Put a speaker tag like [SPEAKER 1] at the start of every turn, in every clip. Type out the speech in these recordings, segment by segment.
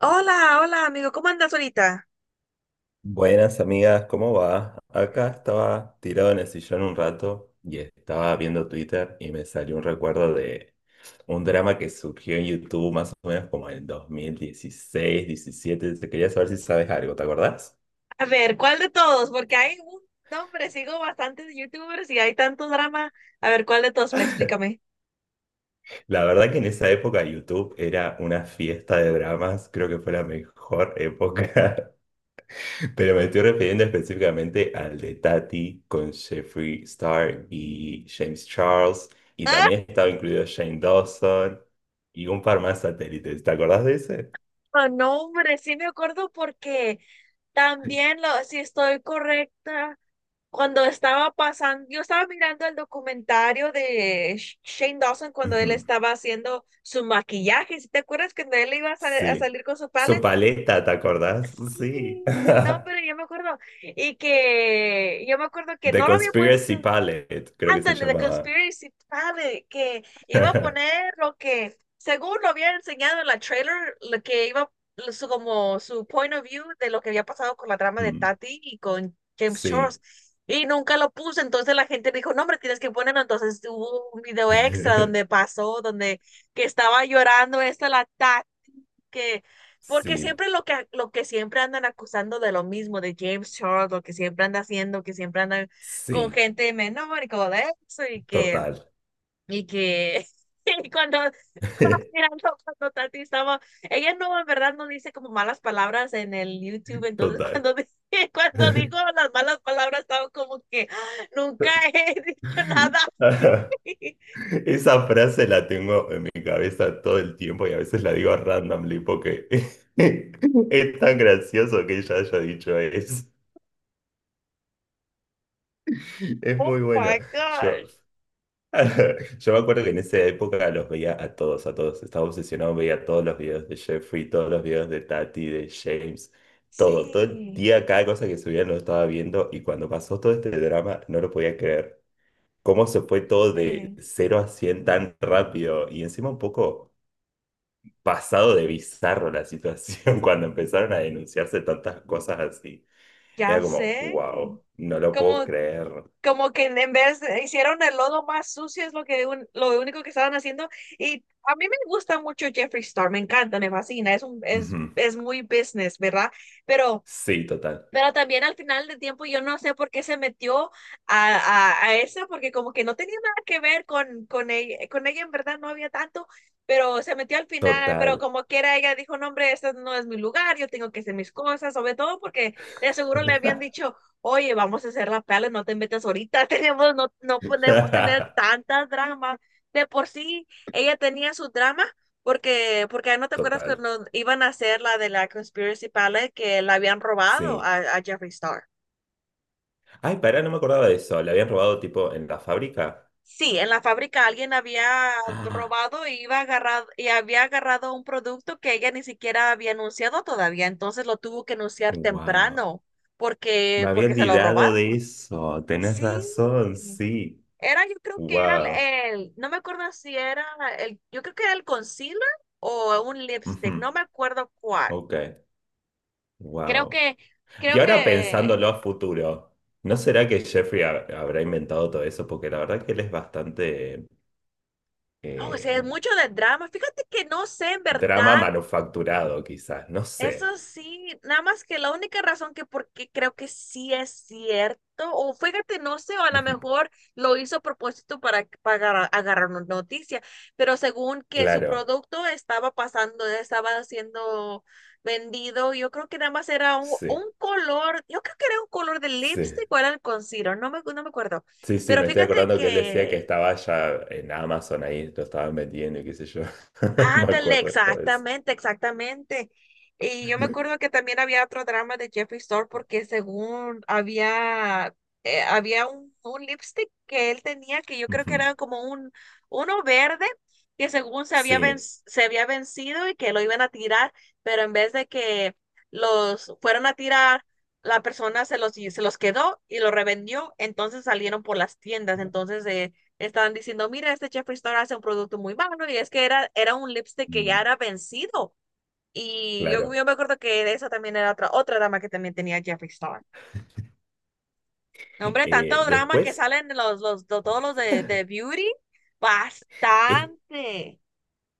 [SPEAKER 1] Hola, hola amigo, ¿cómo andas ahorita?
[SPEAKER 2] Buenas amigas, ¿cómo va? Acá estaba tirado en el sillón un rato y estaba viendo Twitter y me salió un recuerdo de un drama que surgió en YouTube más o menos como en 2016, 17. Te quería saber si sabes algo, ¿te acordás?
[SPEAKER 1] A ver, ¿cuál de todos? Porque hay un nombre, sigo bastantes youtubers y hay tanto drama. A ver, ¿cuál de todos? Fla, explícame.
[SPEAKER 2] La verdad que en esa época YouTube era una fiesta de dramas, creo que fue la mejor época. Pero me estoy refiriendo específicamente al de Tati con Jeffree Star y James Charles. Y
[SPEAKER 1] Ah,
[SPEAKER 2] también estaba incluido Shane Dawson y un par más satélites. ¿Te acordás de ese?
[SPEAKER 1] no, no, hombre, sí me acuerdo porque también, lo, si estoy correcta, cuando estaba pasando, yo estaba mirando el documentario de Shane Dawson cuando él
[SPEAKER 2] Ujú.
[SPEAKER 1] estaba haciendo su maquillaje. ¿Sí te acuerdas que él iba a, a
[SPEAKER 2] Sí.
[SPEAKER 1] salir con su
[SPEAKER 2] Su
[SPEAKER 1] paleta?
[SPEAKER 2] paleta, ¿te acordás? Sí.
[SPEAKER 1] Sí, no, pero yo me acuerdo. Y que yo me acuerdo que
[SPEAKER 2] The
[SPEAKER 1] no lo había
[SPEAKER 2] Conspiracy
[SPEAKER 1] puesto.
[SPEAKER 2] Palette, creo que se
[SPEAKER 1] Ándale, de
[SPEAKER 2] llamaba.
[SPEAKER 1] Conspiracy Planet, que iba a poner lo que, según lo había enseñado en la trailer, lo que iba, su, como su point of view de lo que había pasado con la trama de
[SPEAKER 2] Mm,
[SPEAKER 1] Tati y con James
[SPEAKER 2] sí.
[SPEAKER 1] Charles. Y nunca lo puse, entonces la gente dijo, no, hombre, tienes que ponerlo. Entonces hubo un video extra donde pasó, donde que estaba llorando esta la Tati que, porque
[SPEAKER 2] Sí.
[SPEAKER 1] siempre lo que siempre andan acusando de lo mismo, de James Charles, lo que siempre anda haciendo, que siempre andan con
[SPEAKER 2] Sí.
[SPEAKER 1] gente menor y como de eso, y que,
[SPEAKER 2] Total.
[SPEAKER 1] y que, y cuando estaba mirando, cuando Tati estaba, ella no, en verdad, no dice como malas palabras en el YouTube, entonces
[SPEAKER 2] Total.
[SPEAKER 1] cuando, cuando dijo las malas palabras, estaba como que "Ah, nunca he dicho nada así".
[SPEAKER 2] Esa frase la tengo en mi cabeza todo el tiempo y a veces la digo randomly porque es tan gracioso que ella haya dicho eso. Es
[SPEAKER 1] Oh
[SPEAKER 2] muy bueno.
[SPEAKER 1] my
[SPEAKER 2] Yo,
[SPEAKER 1] gosh.
[SPEAKER 2] yo me acuerdo que en esa época los veía a todos, a todos. Estaba obsesionado, veía todos los videos de Jeffrey, todos los videos de Tati, de James, todo. Todo el
[SPEAKER 1] Sí,
[SPEAKER 2] día, cada cosa que subía lo estaba viendo y cuando pasó todo este drama no lo podía creer. Cómo se fue todo de
[SPEAKER 1] fíjate,
[SPEAKER 2] cero a 100 tan rápido y encima un poco pasado de bizarro la situación cuando empezaron a denunciarse tantas cosas así. Era
[SPEAKER 1] ya
[SPEAKER 2] como,
[SPEAKER 1] sé.
[SPEAKER 2] wow, no lo puedo
[SPEAKER 1] Como,
[SPEAKER 2] creer.
[SPEAKER 1] como que en vez hicieron el lodo más sucio, es lo lo único que estaban haciendo. Y a mí me gusta mucho Jeffree Star, me encanta, me fascina, es un,
[SPEAKER 2] Ujú.
[SPEAKER 1] es muy business, ¿verdad? Pero
[SPEAKER 2] Sí, total,
[SPEAKER 1] pero también al final del tiempo yo no sé por qué se metió a, a eso, porque como que no tenía nada que ver con ella en verdad no había tanto, pero se metió al final, pero
[SPEAKER 2] total.
[SPEAKER 1] como quiera ella dijo, no hombre, este no es mi lugar, yo tengo que hacer mis cosas, sobre todo porque de seguro le habían dicho, oye, vamos a hacer la pala, no te metas ahorita, tenemos, no, no podemos tener tantas dramas. De por sí, ella tenía su drama porque ah, no te acuerdas
[SPEAKER 2] Total,
[SPEAKER 1] cuando iban a hacer la de la Conspiracy Palette que la habían robado
[SPEAKER 2] sí.
[SPEAKER 1] a Jeffree Star.
[SPEAKER 2] Ay, pará, no me acordaba de eso. ¿Le habían robado tipo en la fábrica?
[SPEAKER 1] Sí, en la fábrica alguien había
[SPEAKER 2] Ah,
[SPEAKER 1] robado y iba agarrado, y había agarrado un producto que ella ni siquiera había anunciado todavía, entonces lo tuvo que anunciar
[SPEAKER 2] wow.
[SPEAKER 1] temprano porque,
[SPEAKER 2] Me había
[SPEAKER 1] porque se lo
[SPEAKER 2] olvidado
[SPEAKER 1] robaron.
[SPEAKER 2] de eso. Tenés
[SPEAKER 1] Sí.
[SPEAKER 2] razón, sí.
[SPEAKER 1] Era, yo creo que era el,
[SPEAKER 2] Wow.
[SPEAKER 1] no me acuerdo si era el, yo creo que era el concealer o un lipstick,
[SPEAKER 2] Ujú,
[SPEAKER 1] no me acuerdo cuál.
[SPEAKER 2] ok,
[SPEAKER 1] Creo
[SPEAKER 2] wow.
[SPEAKER 1] que
[SPEAKER 2] Y
[SPEAKER 1] Creo
[SPEAKER 2] ahora pensándolo
[SPEAKER 1] que
[SPEAKER 2] a futuro, ¿no será que Jeffrey habrá inventado todo eso? Porque la verdad que él es bastante
[SPEAKER 1] no, o sea, es
[SPEAKER 2] eh,
[SPEAKER 1] mucho de drama. Fíjate que no sé, en
[SPEAKER 2] drama
[SPEAKER 1] verdad.
[SPEAKER 2] manufacturado, quizás, no sé.
[SPEAKER 1] Eso sí, nada más que la única razón que porque creo que sí es cierto, o fíjate, no sé, o a lo
[SPEAKER 2] Ujú.
[SPEAKER 1] mejor lo hizo a propósito para agarrar una noticia, pero según que su
[SPEAKER 2] Claro,
[SPEAKER 1] producto estaba pasando, estaba siendo vendido, yo creo que nada más era un
[SPEAKER 2] sí,
[SPEAKER 1] color, yo creo que era un color de
[SPEAKER 2] sí.
[SPEAKER 1] lipstick o era el concealer, no me, no me acuerdo,
[SPEAKER 2] Sí, sí,
[SPEAKER 1] pero
[SPEAKER 2] me estoy
[SPEAKER 1] fíjate
[SPEAKER 2] acordando que él decía que
[SPEAKER 1] que
[SPEAKER 2] estaba ya en Amazon ahí, lo estaban vendiendo y qué sé yo. Me
[SPEAKER 1] ándale,
[SPEAKER 2] acuerdo de todo eso.
[SPEAKER 1] exactamente, exactamente. Y yo me acuerdo que también había otro drama de Jeffree Star porque según había, había un lipstick que él tenía que yo creo
[SPEAKER 2] Ujú.
[SPEAKER 1] que era como un uno verde que según se había
[SPEAKER 2] Sí,
[SPEAKER 1] se había vencido y que lo iban a tirar, pero en vez de que los fueron a tirar, la persona se los quedó y lo revendió, entonces salieron por las tiendas. Entonces, estaban diciendo, mira, este Jeffree Star hace un producto muy malo y es que era, era un lipstick que ya
[SPEAKER 2] mm,
[SPEAKER 1] era vencido. Y yo,
[SPEAKER 2] claro.
[SPEAKER 1] yo me acuerdo que de esa también era otra, otra dama que también tenía Jeffree Star. No, hombre, tanto drama que
[SPEAKER 2] Después,
[SPEAKER 1] salen los, todos los de Beauty,
[SPEAKER 2] es,
[SPEAKER 1] bastante.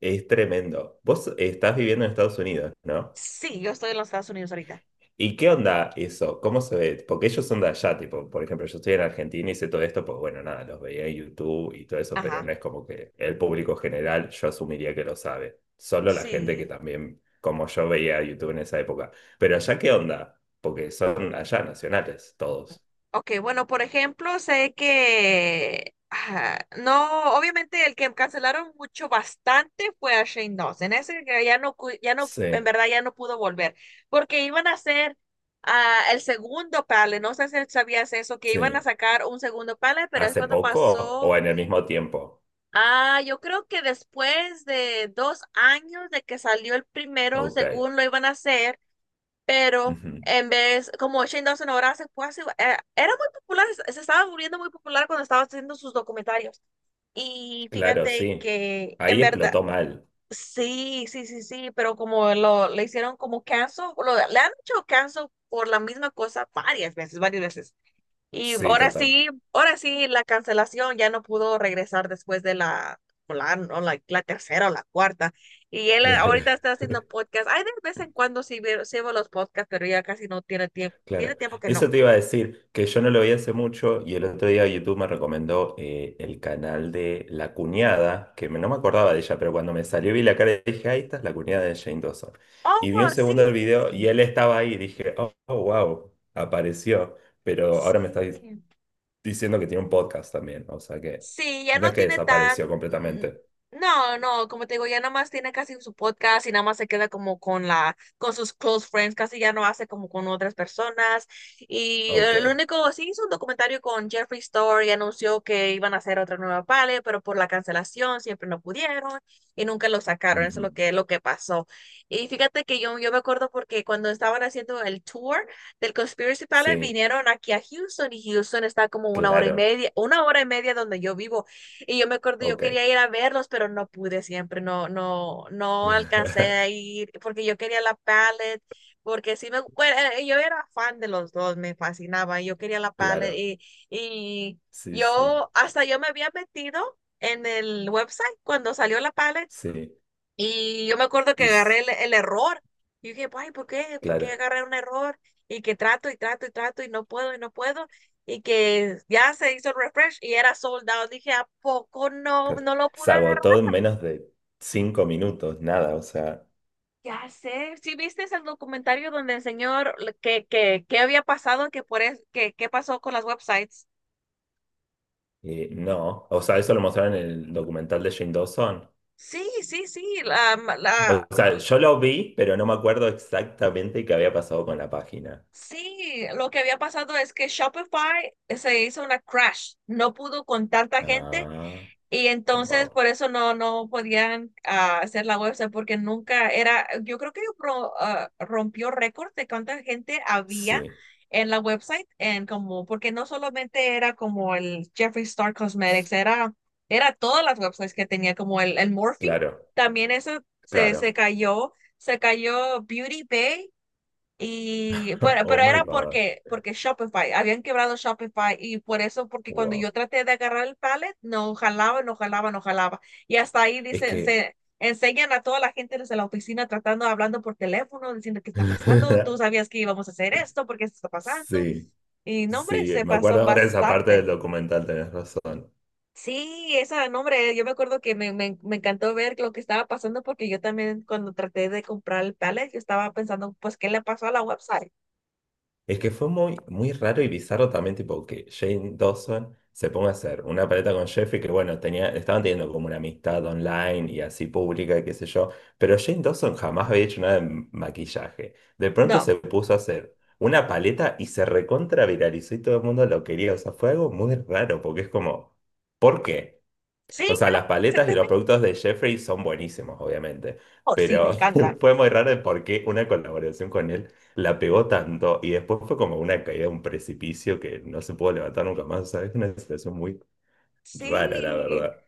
[SPEAKER 2] es tremendo. Vos estás viviendo en Estados Unidos, ¿no?
[SPEAKER 1] Sí, yo estoy en los Estados Unidos ahorita.
[SPEAKER 2] ¿Y qué onda eso? ¿Cómo se ve? Porque ellos son de allá, tipo, por ejemplo, yo estoy en Argentina y sé todo esto, pues bueno, nada, los veía en YouTube y todo eso, pero
[SPEAKER 1] Ajá,
[SPEAKER 2] no es como que el público general yo asumiría que lo sabe. Solo la gente que
[SPEAKER 1] sí.
[SPEAKER 2] también, como yo veía YouTube en esa época. Pero allá, ¿qué onda? Porque son allá nacionales todos.
[SPEAKER 1] Ok, bueno, por ejemplo, sé que no, obviamente el que cancelaron mucho bastante fue a Shane Dawson. Ese que ya no, ya no, en
[SPEAKER 2] Sí,
[SPEAKER 1] verdad ya no pudo volver, porque iban a hacer el segundo panel. No sé si sabías eso, que iban a
[SPEAKER 2] sí.
[SPEAKER 1] sacar un segundo panel, pero es
[SPEAKER 2] ¿Hace
[SPEAKER 1] cuando
[SPEAKER 2] poco
[SPEAKER 1] pasó.
[SPEAKER 2] o en el mismo tiempo?
[SPEAKER 1] Ah, yo creo que después de dos años de que salió el primero,
[SPEAKER 2] Ok.
[SPEAKER 1] según lo iban a hacer pero
[SPEAKER 2] Ujú.
[SPEAKER 1] en vez, como Shane Dawson ahora se fue así, era muy popular, se estaba volviendo muy popular cuando estaba haciendo sus documentarios. Y
[SPEAKER 2] Claro,
[SPEAKER 1] fíjate
[SPEAKER 2] sí.
[SPEAKER 1] que en
[SPEAKER 2] Ahí
[SPEAKER 1] verdad,
[SPEAKER 2] explotó mal.
[SPEAKER 1] sí, sí, sí, sí, pero como lo le hicieron como cancel, le han hecho cancel por la misma cosa varias veces, varias veces. Y
[SPEAKER 2] Sí, total.
[SPEAKER 1] ahora sí, la cancelación ya no pudo regresar después de la, o la, o la, la tercera o la cuarta. Y él ahorita está haciendo podcast. Ay, de vez en cuando sí veo los podcasts, pero ya casi no tiene tiempo. Tiene
[SPEAKER 2] Claro,
[SPEAKER 1] tiempo que no.
[SPEAKER 2] eso te iba a decir, que yo no lo vi hace mucho y el otro día YouTube me recomendó el canal de La Cuñada, que no me acordaba de ella, pero cuando me salió vi la cara y dije, ahí esta es la cuñada de Jane Dawson. Y vi un
[SPEAKER 1] Oh, sí,
[SPEAKER 2] segundo del video y él estaba ahí y dije, oh, oh, wow, apareció, pero ahora me está
[SPEAKER 1] sí.
[SPEAKER 2] diciendo que tiene un podcast también, o sea que
[SPEAKER 1] Sí, ya
[SPEAKER 2] no
[SPEAKER 1] no
[SPEAKER 2] es que
[SPEAKER 1] tiene tan...
[SPEAKER 2] desapareció completamente.
[SPEAKER 1] no, no, como te digo, ya nada más tiene casi su podcast y nada más se queda como con la, con sus close friends, casi ya no hace como con otras personas. Y
[SPEAKER 2] Ok,
[SPEAKER 1] lo único, sí hizo un documentario con Jeffree Star y anunció que iban a hacer otra nueva pale, pero por la cancelación siempre no pudieron y nunca lo sacaron. Eso es
[SPEAKER 2] ujú.
[SPEAKER 1] lo que pasó. Y fíjate que yo me acuerdo porque cuando estaban haciendo el tour, del Conspiracy Palace
[SPEAKER 2] Sí,
[SPEAKER 1] vinieron aquí a Houston y Houston está como una hora y
[SPEAKER 2] claro,
[SPEAKER 1] media, una hora y media donde yo vivo. Y yo me acuerdo, yo
[SPEAKER 2] ok.
[SPEAKER 1] quería ir a verlos, pero no pude siempre, no, no, no alcancé a ir porque yo quería la Palette porque sí me, bueno, yo era fan de los dos, me fascinaba, yo quería la paleta
[SPEAKER 2] Claro,
[SPEAKER 1] y
[SPEAKER 2] sí, sí,
[SPEAKER 1] yo, hasta yo me había metido en el website cuando salió la paleta
[SPEAKER 2] sí.
[SPEAKER 1] y yo me acuerdo que
[SPEAKER 2] Y
[SPEAKER 1] agarré el error. Y dije, ay, ¿por qué? ¿Por qué
[SPEAKER 2] claro,
[SPEAKER 1] agarré un error? Y que trato y trato y trato y no puedo y no puedo. Y que ya se hizo el refresh y era sold out. Dije, ¿a poco no,
[SPEAKER 2] claro.
[SPEAKER 1] no lo
[SPEAKER 2] Se
[SPEAKER 1] pude agarrar?
[SPEAKER 2] agotó en menos de 5 minutos, nada, o sea,
[SPEAKER 1] Ya sé. ¿Sí viste el documentario donde el señor que había pasado, que por es, que, qué pasó con las websites?
[SPEAKER 2] no. O sea, eso lo mostraron en el documental de Jane Dawson.
[SPEAKER 1] Sí, sí, sí. La,
[SPEAKER 2] O
[SPEAKER 1] la,
[SPEAKER 2] sea, yo lo vi, pero no me acuerdo exactamente qué había pasado con la página.
[SPEAKER 1] sí, lo que había pasado es que Shopify se hizo una crash. No pudo con tanta gente
[SPEAKER 2] Ah,
[SPEAKER 1] y entonces
[SPEAKER 2] wow.
[SPEAKER 1] por eso no, no podían hacer la website porque nunca era, yo creo que rompió récord de cuánta gente había
[SPEAKER 2] Sí,
[SPEAKER 1] en la website, en como, porque no solamente era como el Jeffree Star Cosmetics, era, era todas las websites que tenía, como el Morphe,
[SPEAKER 2] claro,
[SPEAKER 1] también eso se,
[SPEAKER 2] claro.
[SPEAKER 1] se cayó Beauty Bay y bueno,
[SPEAKER 2] Oh
[SPEAKER 1] pero
[SPEAKER 2] my
[SPEAKER 1] era
[SPEAKER 2] God,
[SPEAKER 1] porque, porque Shopify, habían quebrado Shopify y por eso, porque cuando
[SPEAKER 2] wow.
[SPEAKER 1] yo traté de agarrar el pallet, no jalaba, no jalaba, no jalaba. Y hasta ahí
[SPEAKER 2] Es
[SPEAKER 1] dicen,
[SPEAKER 2] que,
[SPEAKER 1] se enseñan a toda la gente desde la oficina tratando, hablando por teléfono, diciendo qué está pasando, tú sabías que íbamos a hacer esto, porque esto está pasando.
[SPEAKER 2] sí,
[SPEAKER 1] Y no, hombre,
[SPEAKER 2] sí,
[SPEAKER 1] se
[SPEAKER 2] me
[SPEAKER 1] pasó
[SPEAKER 2] acuerdo ahora de esa parte del
[SPEAKER 1] bastante.
[SPEAKER 2] documental, tenés razón.
[SPEAKER 1] Sí, esa nombre, yo me acuerdo que me encantó ver lo que estaba pasando porque yo también cuando traté de comprar el pallet, yo estaba pensando, pues, ¿qué le pasó a la website?
[SPEAKER 2] Es que fue muy, muy raro y bizarro también, tipo, que Jane Dawson se ponga a hacer una paleta con Jeffrey, que bueno, tenía, estaban teniendo como una amistad online y así pública, y qué sé yo, pero Jane Dawson jamás había hecho nada de maquillaje. De pronto se
[SPEAKER 1] No.
[SPEAKER 2] puso a hacer una paleta y se recontra viralizó y todo el mundo lo quería. O sea, fue algo muy raro, porque es como, ¿por qué?
[SPEAKER 1] Sí,
[SPEAKER 2] O sea, las paletas y los
[SPEAKER 1] exactamente.
[SPEAKER 2] productos de Jeffrey son buenísimos, obviamente,
[SPEAKER 1] Oh, sí, me
[SPEAKER 2] pero
[SPEAKER 1] encanta.
[SPEAKER 2] fue muy raro el por qué una colaboración con él la pegó tanto y después fue como una caída, un precipicio que no se pudo levantar nunca más. O sea, es una situación muy rara, la
[SPEAKER 1] Sí,
[SPEAKER 2] verdad.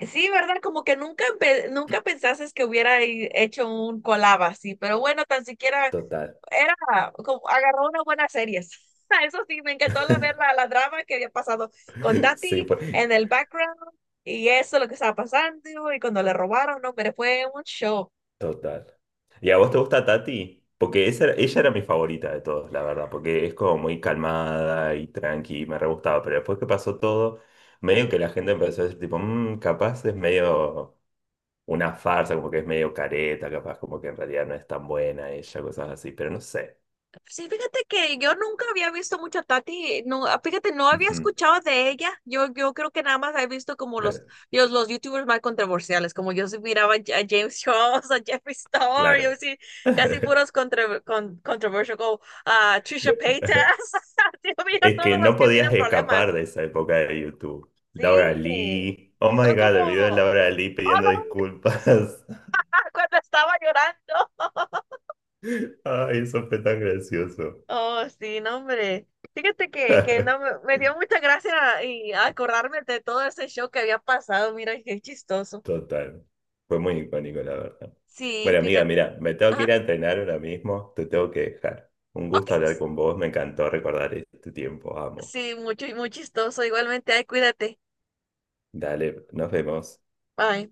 [SPEAKER 1] sí, ¿verdad? Como que nunca, nunca pensases que hubiera hecho un collab así, pero bueno, tan siquiera
[SPEAKER 2] Total.
[SPEAKER 1] era como agarró una buena serie. Eso sí, me encantó la, ver la, la drama que había pasado con
[SPEAKER 2] Sí,
[SPEAKER 1] Tati
[SPEAKER 2] fue
[SPEAKER 1] en el background y eso, lo que estaba pasando y cuando le robaron, no, pero fue un show.
[SPEAKER 2] total. ¿Y a vos te gusta Tati? Porque esa, ella era mi favorita de todos, la verdad, porque es como muy calmada y tranqui, y me re gustaba, pero después que pasó todo, medio que la gente empezó a decir tipo, "Mm, capaz es medio... una farsa, como que es medio careta, capaz como que en realidad no es tan buena ella, cosas así, pero no sé.
[SPEAKER 1] Sí, fíjate que yo nunca había visto mucho a Tati, no, ah, fíjate, no había
[SPEAKER 2] Ujú,
[SPEAKER 1] escuchado de ella. Yo creo que nada más he visto como
[SPEAKER 2] claro,
[SPEAKER 1] los YouTubers más controversiales, como yo sí miraba a James Charles, a Jeffree Star, yo
[SPEAKER 2] claro.
[SPEAKER 1] sí, casi puros contra, con, controversial, como a Trisha Paytas. Yo miro a
[SPEAKER 2] Es
[SPEAKER 1] todos
[SPEAKER 2] que
[SPEAKER 1] los
[SPEAKER 2] no
[SPEAKER 1] que tienen
[SPEAKER 2] podías escapar
[SPEAKER 1] problemas.
[SPEAKER 2] de esa época de YouTube. Laura
[SPEAKER 1] Sí,
[SPEAKER 2] Lee. Oh my
[SPEAKER 1] son como,
[SPEAKER 2] God, el video de
[SPEAKER 1] oh,
[SPEAKER 2] Laura Lee pidiendo
[SPEAKER 1] no,
[SPEAKER 2] disculpas.
[SPEAKER 1] cuando estaba llorando.
[SPEAKER 2] Ay, eso fue tan gracioso.
[SPEAKER 1] Oh, sí, no, hombre. Fíjate que no, me me dio mucha gracia y acordarme de todo ese show que había pasado. Mira, qué chistoso.
[SPEAKER 2] Total. Fue muy icónico, la verdad.
[SPEAKER 1] Sí,
[SPEAKER 2] Bueno, amiga,
[SPEAKER 1] fíjate.
[SPEAKER 2] mira, me tengo que
[SPEAKER 1] Ajá.
[SPEAKER 2] ir a entrenar ahora mismo. Te tengo que dejar. Un
[SPEAKER 1] Ok.
[SPEAKER 2] gusto hablar con vos. Me encantó recordar este tiempo. Amo.
[SPEAKER 1] Sí, mucho, muy chistoso. Igualmente, ay, cuídate.
[SPEAKER 2] Dale, nos vemos.
[SPEAKER 1] Bye.